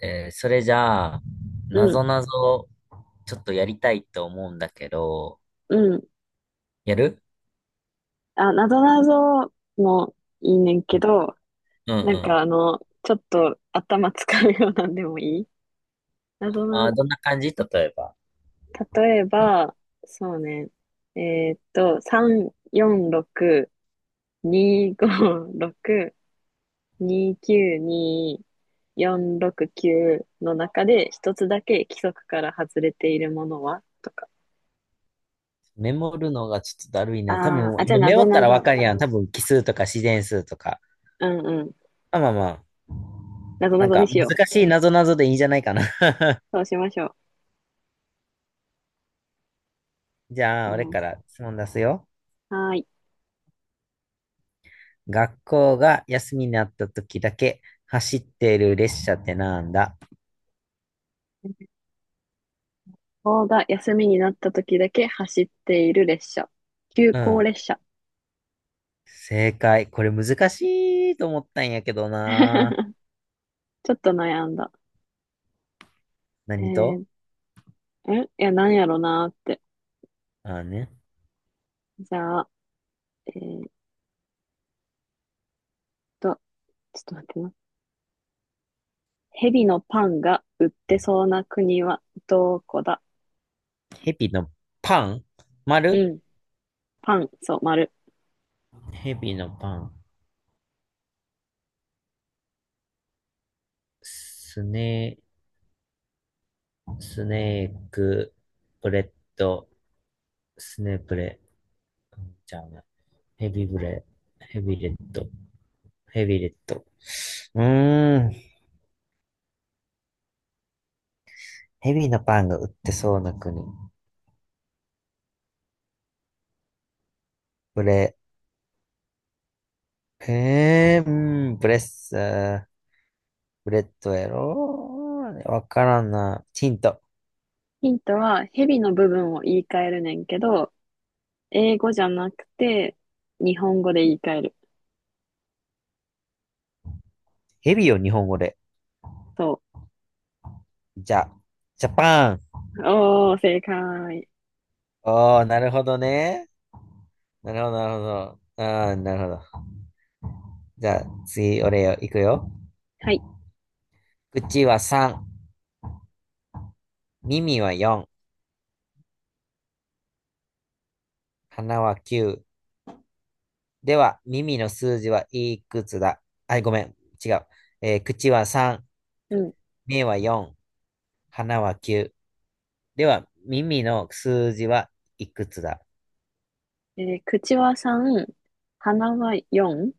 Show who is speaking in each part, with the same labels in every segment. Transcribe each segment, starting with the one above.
Speaker 1: それじゃあ、
Speaker 2: う
Speaker 1: な
Speaker 2: ん、
Speaker 1: ぞなぞ、ちょっとやりたいと思うんだけど、
Speaker 2: うん。
Speaker 1: やる。
Speaker 2: あ、なぞなぞもいいねんけど、
Speaker 1: うんう
Speaker 2: なんか
Speaker 1: ん。
Speaker 2: ちょっと頭使うようなんでもいいなぞな、
Speaker 1: どんな感じ例えば。
Speaker 2: 例えば、そうね、3、4、6、2、5、6、2、9、2、4、6、9の中で一つだけ規則から外れているものはとか。
Speaker 1: メモるのがちょっとだるいな。多
Speaker 2: あー
Speaker 1: 分、
Speaker 2: あ、じゃあな
Speaker 1: メモ
Speaker 2: ぞ
Speaker 1: った
Speaker 2: な
Speaker 1: らわ
Speaker 2: ぞ。
Speaker 1: かるやん。多分、奇数とか自然数とか。
Speaker 2: うんうん。
Speaker 1: まあまあまあ。
Speaker 2: なぞな
Speaker 1: なん
Speaker 2: ぞに
Speaker 1: か、
Speaker 2: しよう。
Speaker 1: 難しいなぞなぞでいいんじゃないかな。
Speaker 2: そうしましょ
Speaker 1: じゃ
Speaker 2: う。
Speaker 1: あ、俺
Speaker 2: うん、
Speaker 1: から質問出すよ。
Speaker 2: はーい。
Speaker 1: 学校が休みになった時だけ走ってる列車ってなんだ？
Speaker 2: そうだ、休みになった時だけ走っている列車。急
Speaker 1: う
Speaker 2: 行
Speaker 1: ん。
Speaker 2: 列車。
Speaker 1: 正解。これ難しいと思ったんやけどな。
Speaker 2: ちょっと悩んだ。え
Speaker 1: 何
Speaker 2: ー、
Speaker 1: と、
Speaker 2: んいや、なんやろなーって。
Speaker 1: あね。
Speaker 2: じゃあ、えーっと、ちょっと待ってな。蛇のパンが売ってそうな国はどこだ？
Speaker 1: ヘビのパン丸、
Speaker 2: うん。パン、そう、丸。
Speaker 1: ヘビのパン。スネ、スネーク、ブレッド、スネブレ。うん、じゃあね。ヘビブレ、ヘビレッド、ヘビレッド。うーん。ヘビのパンが売ってそうな国。ブレ、うん、ブレッサー、ブレッドやろ、わからんな。ヒント。
Speaker 2: ヒントは、蛇の部分を言い換えるねんけど、英語じゃなくて、日本語で言い換える。
Speaker 1: ヘビを日本語で。
Speaker 2: そ
Speaker 1: じゃ、ジャパン。
Speaker 2: う。おー、正解。
Speaker 1: おー、なるほどね。なるほど、なるほど。ああ、なるほど。じゃあ、次、俺よ、いくよ。
Speaker 2: はい。
Speaker 1: 口は3、耳は4、鼻は9。では、耳の数字はいくつだ？あ、ごめん、違う。口は3、
Speaker 2: うん。
Speaker 1: 目は4、鼻は9。では、耳の数字はいくつだ？
Speaker 2: 口は3、鼻は4、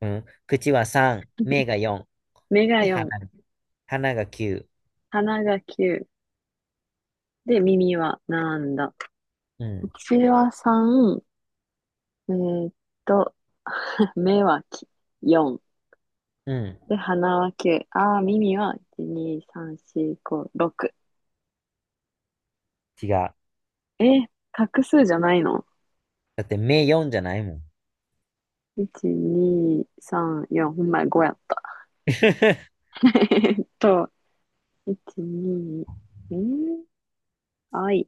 Speaker 1: うん。口は3、目が4、
Speaker 2: 目が
Speaker 1: で、
Speaker 2: 4、
Speaker 1: 鼻が9。
Speaker 2: 鼻が9、で、耳はなんだ。
Speaker 1: うん、
Speaker 2: 口は3、えーっと、目は4、
Speaker 1: うん、
Speaker 2: で、鼻は9、あー、耳は1、2、3、4、5、6。
Speaker 1: 違う。
Speaker 2: えー、画数じゃないの？
Speaker 1: だって、目4じゃないもん。
Speaker 2: 1、2、3、4、ほんまや、5やった。
Speaker 1: ち
Speaker 2: えーっと、1、2、えー、あい、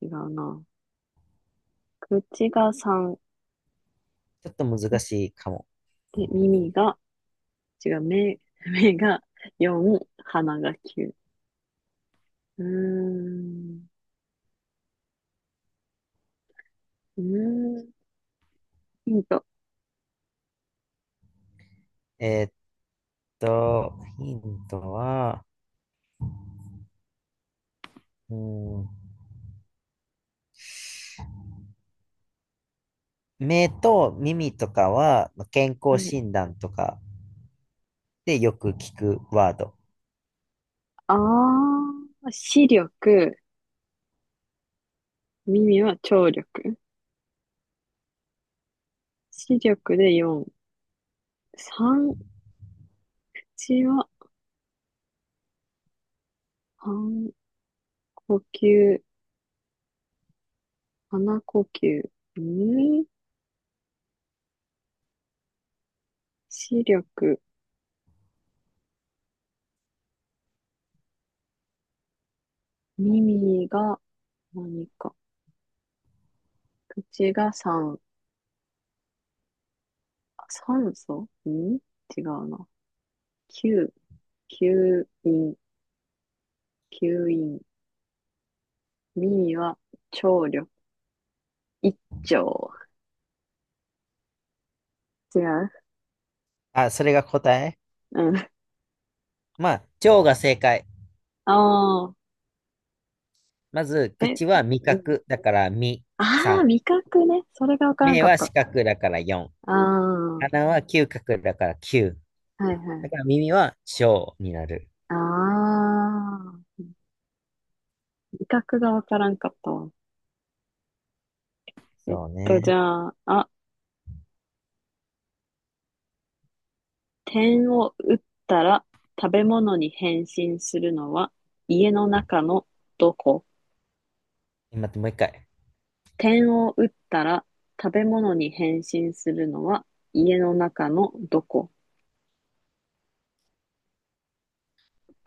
Speaker 2: 違うな。口が3、
Speaker 1: ょっと難しいかも。
Speaker 2: で、耳が、違う、目、目が4、鼻が9。うーん。うーん、ヒント。
Speaker 1: えーヒントは、うん、目と耳とかは健
Speaker 2: う
Speaker 1: 康
Speaker 2: ん、
Speaker 1: 診断とかでよく聞くワード。
Speaker 2: ああ、視力、耳は聴力。視力で4。3、口は半呼吸、鼻呼吸。うん、視力、耳が何か。口が酸、酸素、うん、違うな。吸、吸引、吸引。耳は聴力、一聴。違う。
Speaker 1: あ、それが答え？
Speaker 2: うん。あ
Speaker 1: まあ、腸が正解。
Speaker 2: あ、
Speaker 1: まず、
Speaker 2: え、
Speaker 1: 口は味
Speaker 2: うん、
Speaker 1: 覚だから味。
Speaker 2: ああ、味覚ね。それがわからん
Speaker 1: 目
Speaker 2: かっ
Speaker 1: は
Speaker 2: た。
Speaker 1: 視覚だから四。
Speaker 2: ああ、は
Speaker 1: 鼻は嗅覚だから九。
Speaker 2: いは
Speaker 1: だ
Speaker 2: い。
Speaker 1: から耳は小になる。
Speaker 2: ああ、味覚がわからんかったわ。
Speaker 1: そう
Speaker 2: じ
Speaker 1: ね。
Speaker 2: ゃあ、あ、点を打ったら食べ物に変身するのは家の中のどこ？
Speaker 1: 待って、もう一回。
Speaker 2: 点を打ったら食べ物に変身するのは家の中のどこ？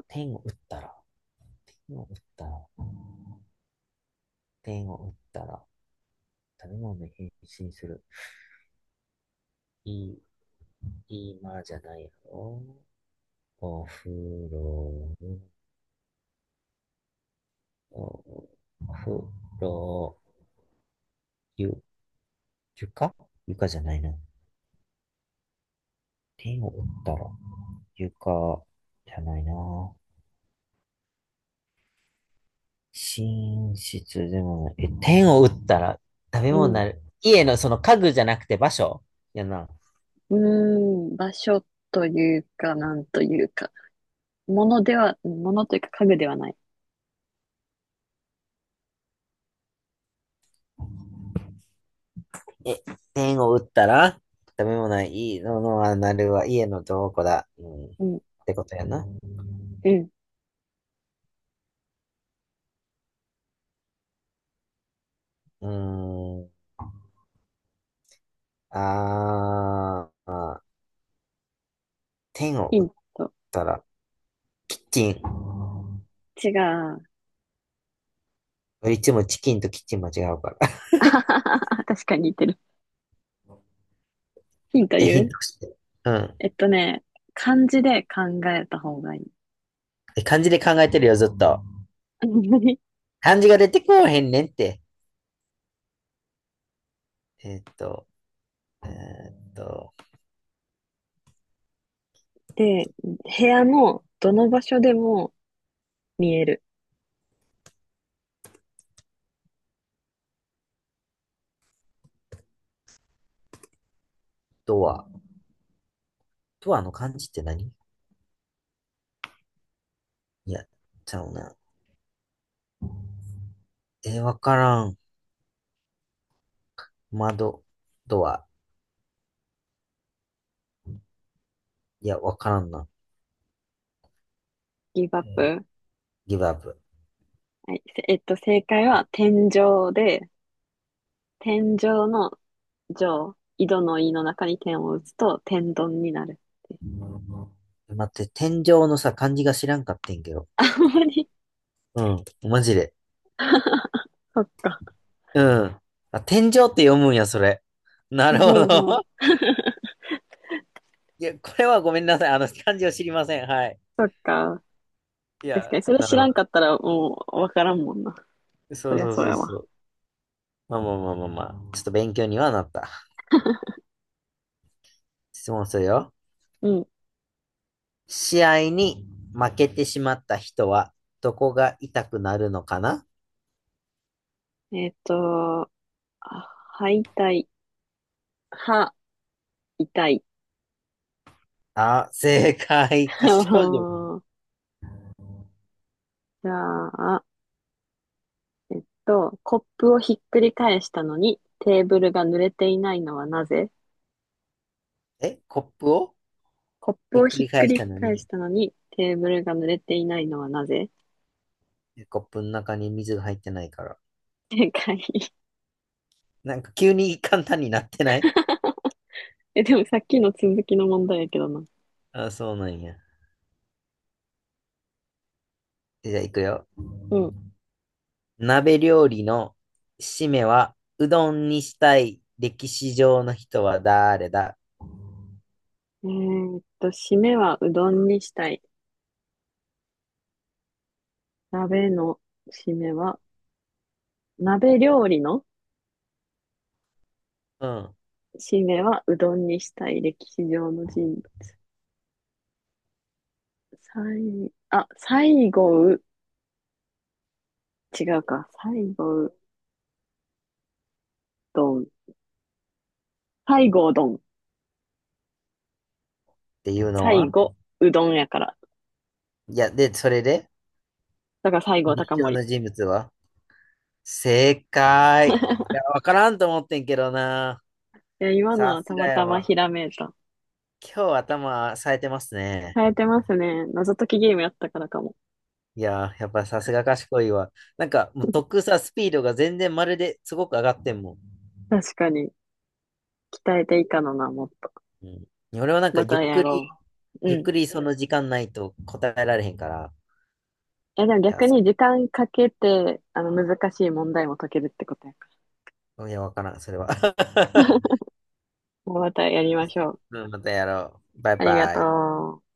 Speaker 1: 点を打ったら、点を打ったら、点を打ったら、食べ物に変身する。いい？今じゃないよ。お風呂、お風呂、ゆ、床床じゃないな。天を打ったら、床じゃないな。寝室でもない。え、天を打ったら食べ
Speaker 2: う
Speaker 1: 物に
Speaker 2: ん。
Speaker 1: なる。家のその家具じゃなくて場所やな。
Speaker 2: うーん、場所というか、なんというか。物では、物というか家具ではない。
Speaker 1: え、天を打ったら食べ物ない。いいのはなるは家のどこだ。うん。っ
Speaker 2: うん。
Speaker 1: てことやな。
Speaker 2: うん、
Speaker 1: うーん。あーあー。天を
Speaker 2: ヒ
Speaker 1: 打っ
Speaker 2: ント。
Speaker 1: たら、キッチン。
Speaker 2: 違う。
Speaker 1: いつもチキンとキッチン間違うから。
Speaker 2: 確かに似てる。ヒント
Speaker 1: え、ヒ
Speaker 2: 言
Speaker 1: ン
Speaker 2: う。
Speaker 1: トして。うん。
Speaker 2: ね、漢字で考えた方がい
Speaker 1: え、漢字で考えてるよ、ずっと。
Speaker 2: い。
Speaker 1: 漢字が出てこうへんねんって。えーっと、えーっと、
Speaker 2: で、部屋のどの場所でも見える。
Speaker 1: ドア。ドアの漢字って何？いや、ちゃうな。わからん。窓、ドア。いや、わからんな。
Speaker 2: ギブアップ。
Speaker 1: ギブアップ。
Speaker 2: はい。せえっと、正解は天井で、天井の上、井戸の井の中に点を打つと天丼になるっていう。
Speaker 1: 待って、天井のさ、漢字が知らんかってんけど。
Speaker 2: ほんまに。
Speaker 1: うん、マジで。
Speaker 2: そっか。
Speaker 1: うん。あ、天井って読むんや、それ。なるほ
Speaker 2: そうそ
Speaker 1: ど。
Speaker 2: う。
Speaker 1: いや、これはごめんなさい。漢字を知りません。はい。
Speaker 2: そっか。
Speaker 1: い
Speaker 2: 確
Speaker 1: や、
Speaker 2: かに、それ
Speaker 1: な
Speaker 2: 知ら
Speaker 1: るほ
Speaker 2: んかったらもうわからんもんな。
Speaker 1: ど。
Speaker 2: そ
Speaker 1: そう
Speaker 2: りゃ
Speaker 1: そう
Speaker 2: そう
Speaker 1: そう
Speaker 2: や
Speaker 1: そ
Speaker 2: わ。
Speaker 1: う。まあまあまあまあまあ。ちょっと勉強にはなった。質問するよ。
Speaker 2: うん。
Speaker 1: 試合に負けてしまった人は、どこが痛くなるのかな？
Speaker 2: えっと、あ、歯痛い歯、痛い。
Speaker 1: あ、正解。賢い。
Speaker 2: じゃあ、コップをひっくり返したのにテーブルが濡れていないのはなぜ？
Speaker 1: え、コップを
Speaker 2: コップ
Speaker 1: ひ
Speaker 2: を
Speaker 1: っく
Speaker 2: ひ
Speaker 1: り
Speaker 2: っ
Speaker 1: 返
Speaker 2: く
Speaker 1: し
Speaker 2: り
Speaker 1: たの
Speaker 2: 返し
Speaker 1: に、
Speaker 2: たのにテーブルが濡れていないのはなぜ？
Speaker 1: コップの中に水が入ってないから。
Speaker 2: 正解。
Speaker 1: なんか急に簡単になってない？
Speaker 2: え、でもさっきの続きの問題やけどな。
Speaker 1: あ、そうなんや。じゃあ行くよ。
Speaker 2: うん。
Speaker 1: 鍋料理の締めは、うどんにしたい歴史上の人は誰だ？
Speaker 2: 締めはうどんにしたい。鍋の締めは、鍋料理の
Speaker 1: うん。っ
Speaker 2: 締めはうどんにしたい。歴史上の人物。あ、最後う、違うか。最後うどん。最後うどん。
Speaker 1: ていうの
Speaker 2: 最
Speaker 1: は、
Speaker 2: 後うどんやから。
Speaker 1: いや、で、それで、
Speaker 2: だから最後
Speaker 1: 歴史
Speaker 2: 高
Speaker 1: 上
Speaker 2: 森。
Speaker 1: の人物は？正解。い や、わからんと思ってんけどな。
Speaker 2: いや、今の
Speaker 1: さ
Speaker 2: は
Speaker 1: す
Speaker 2: た
Speaker 1: が
Speaker 2: ま
Speaker 1: や
Speaker 2: たまひ
Speaker 1: わ。
Speaker 2: らめいた。
Speaker 1: 今日頭冴えてますね。
Speaker 2: 変えてますね。謎解きゲームやったからかも。
Speaker 1: いや、やっぱさすが賢いわ。なんか、もうスピードが全然まるですごく上がってんもん。
Speaker 2: 確かに。鍛えていかのな、もっと。
Speaker 1: うん。俺はなんか
Speaker 2: またやろう。
Speaker 1: ゆ
Speaker 2: う
Speaker 1: っ
Speaker 2: ん。い
Speaker 1: くりその時間ないと答えられへんから。
Speaker 2: や、でも
Speaker 1: いや
Speaker 2: 逆に時間かけて、難しい問題も解けるってことやから。
Speaker 1: いや、わからん、それは。
Speaker 2: もうまたやりましょう。
Speaker 1: うん、またやろう。バイ
Speaker 2: ありが
Speaker 1: バ
Speaker 2: と
Speaker 1: イ。
Speaker 2: う。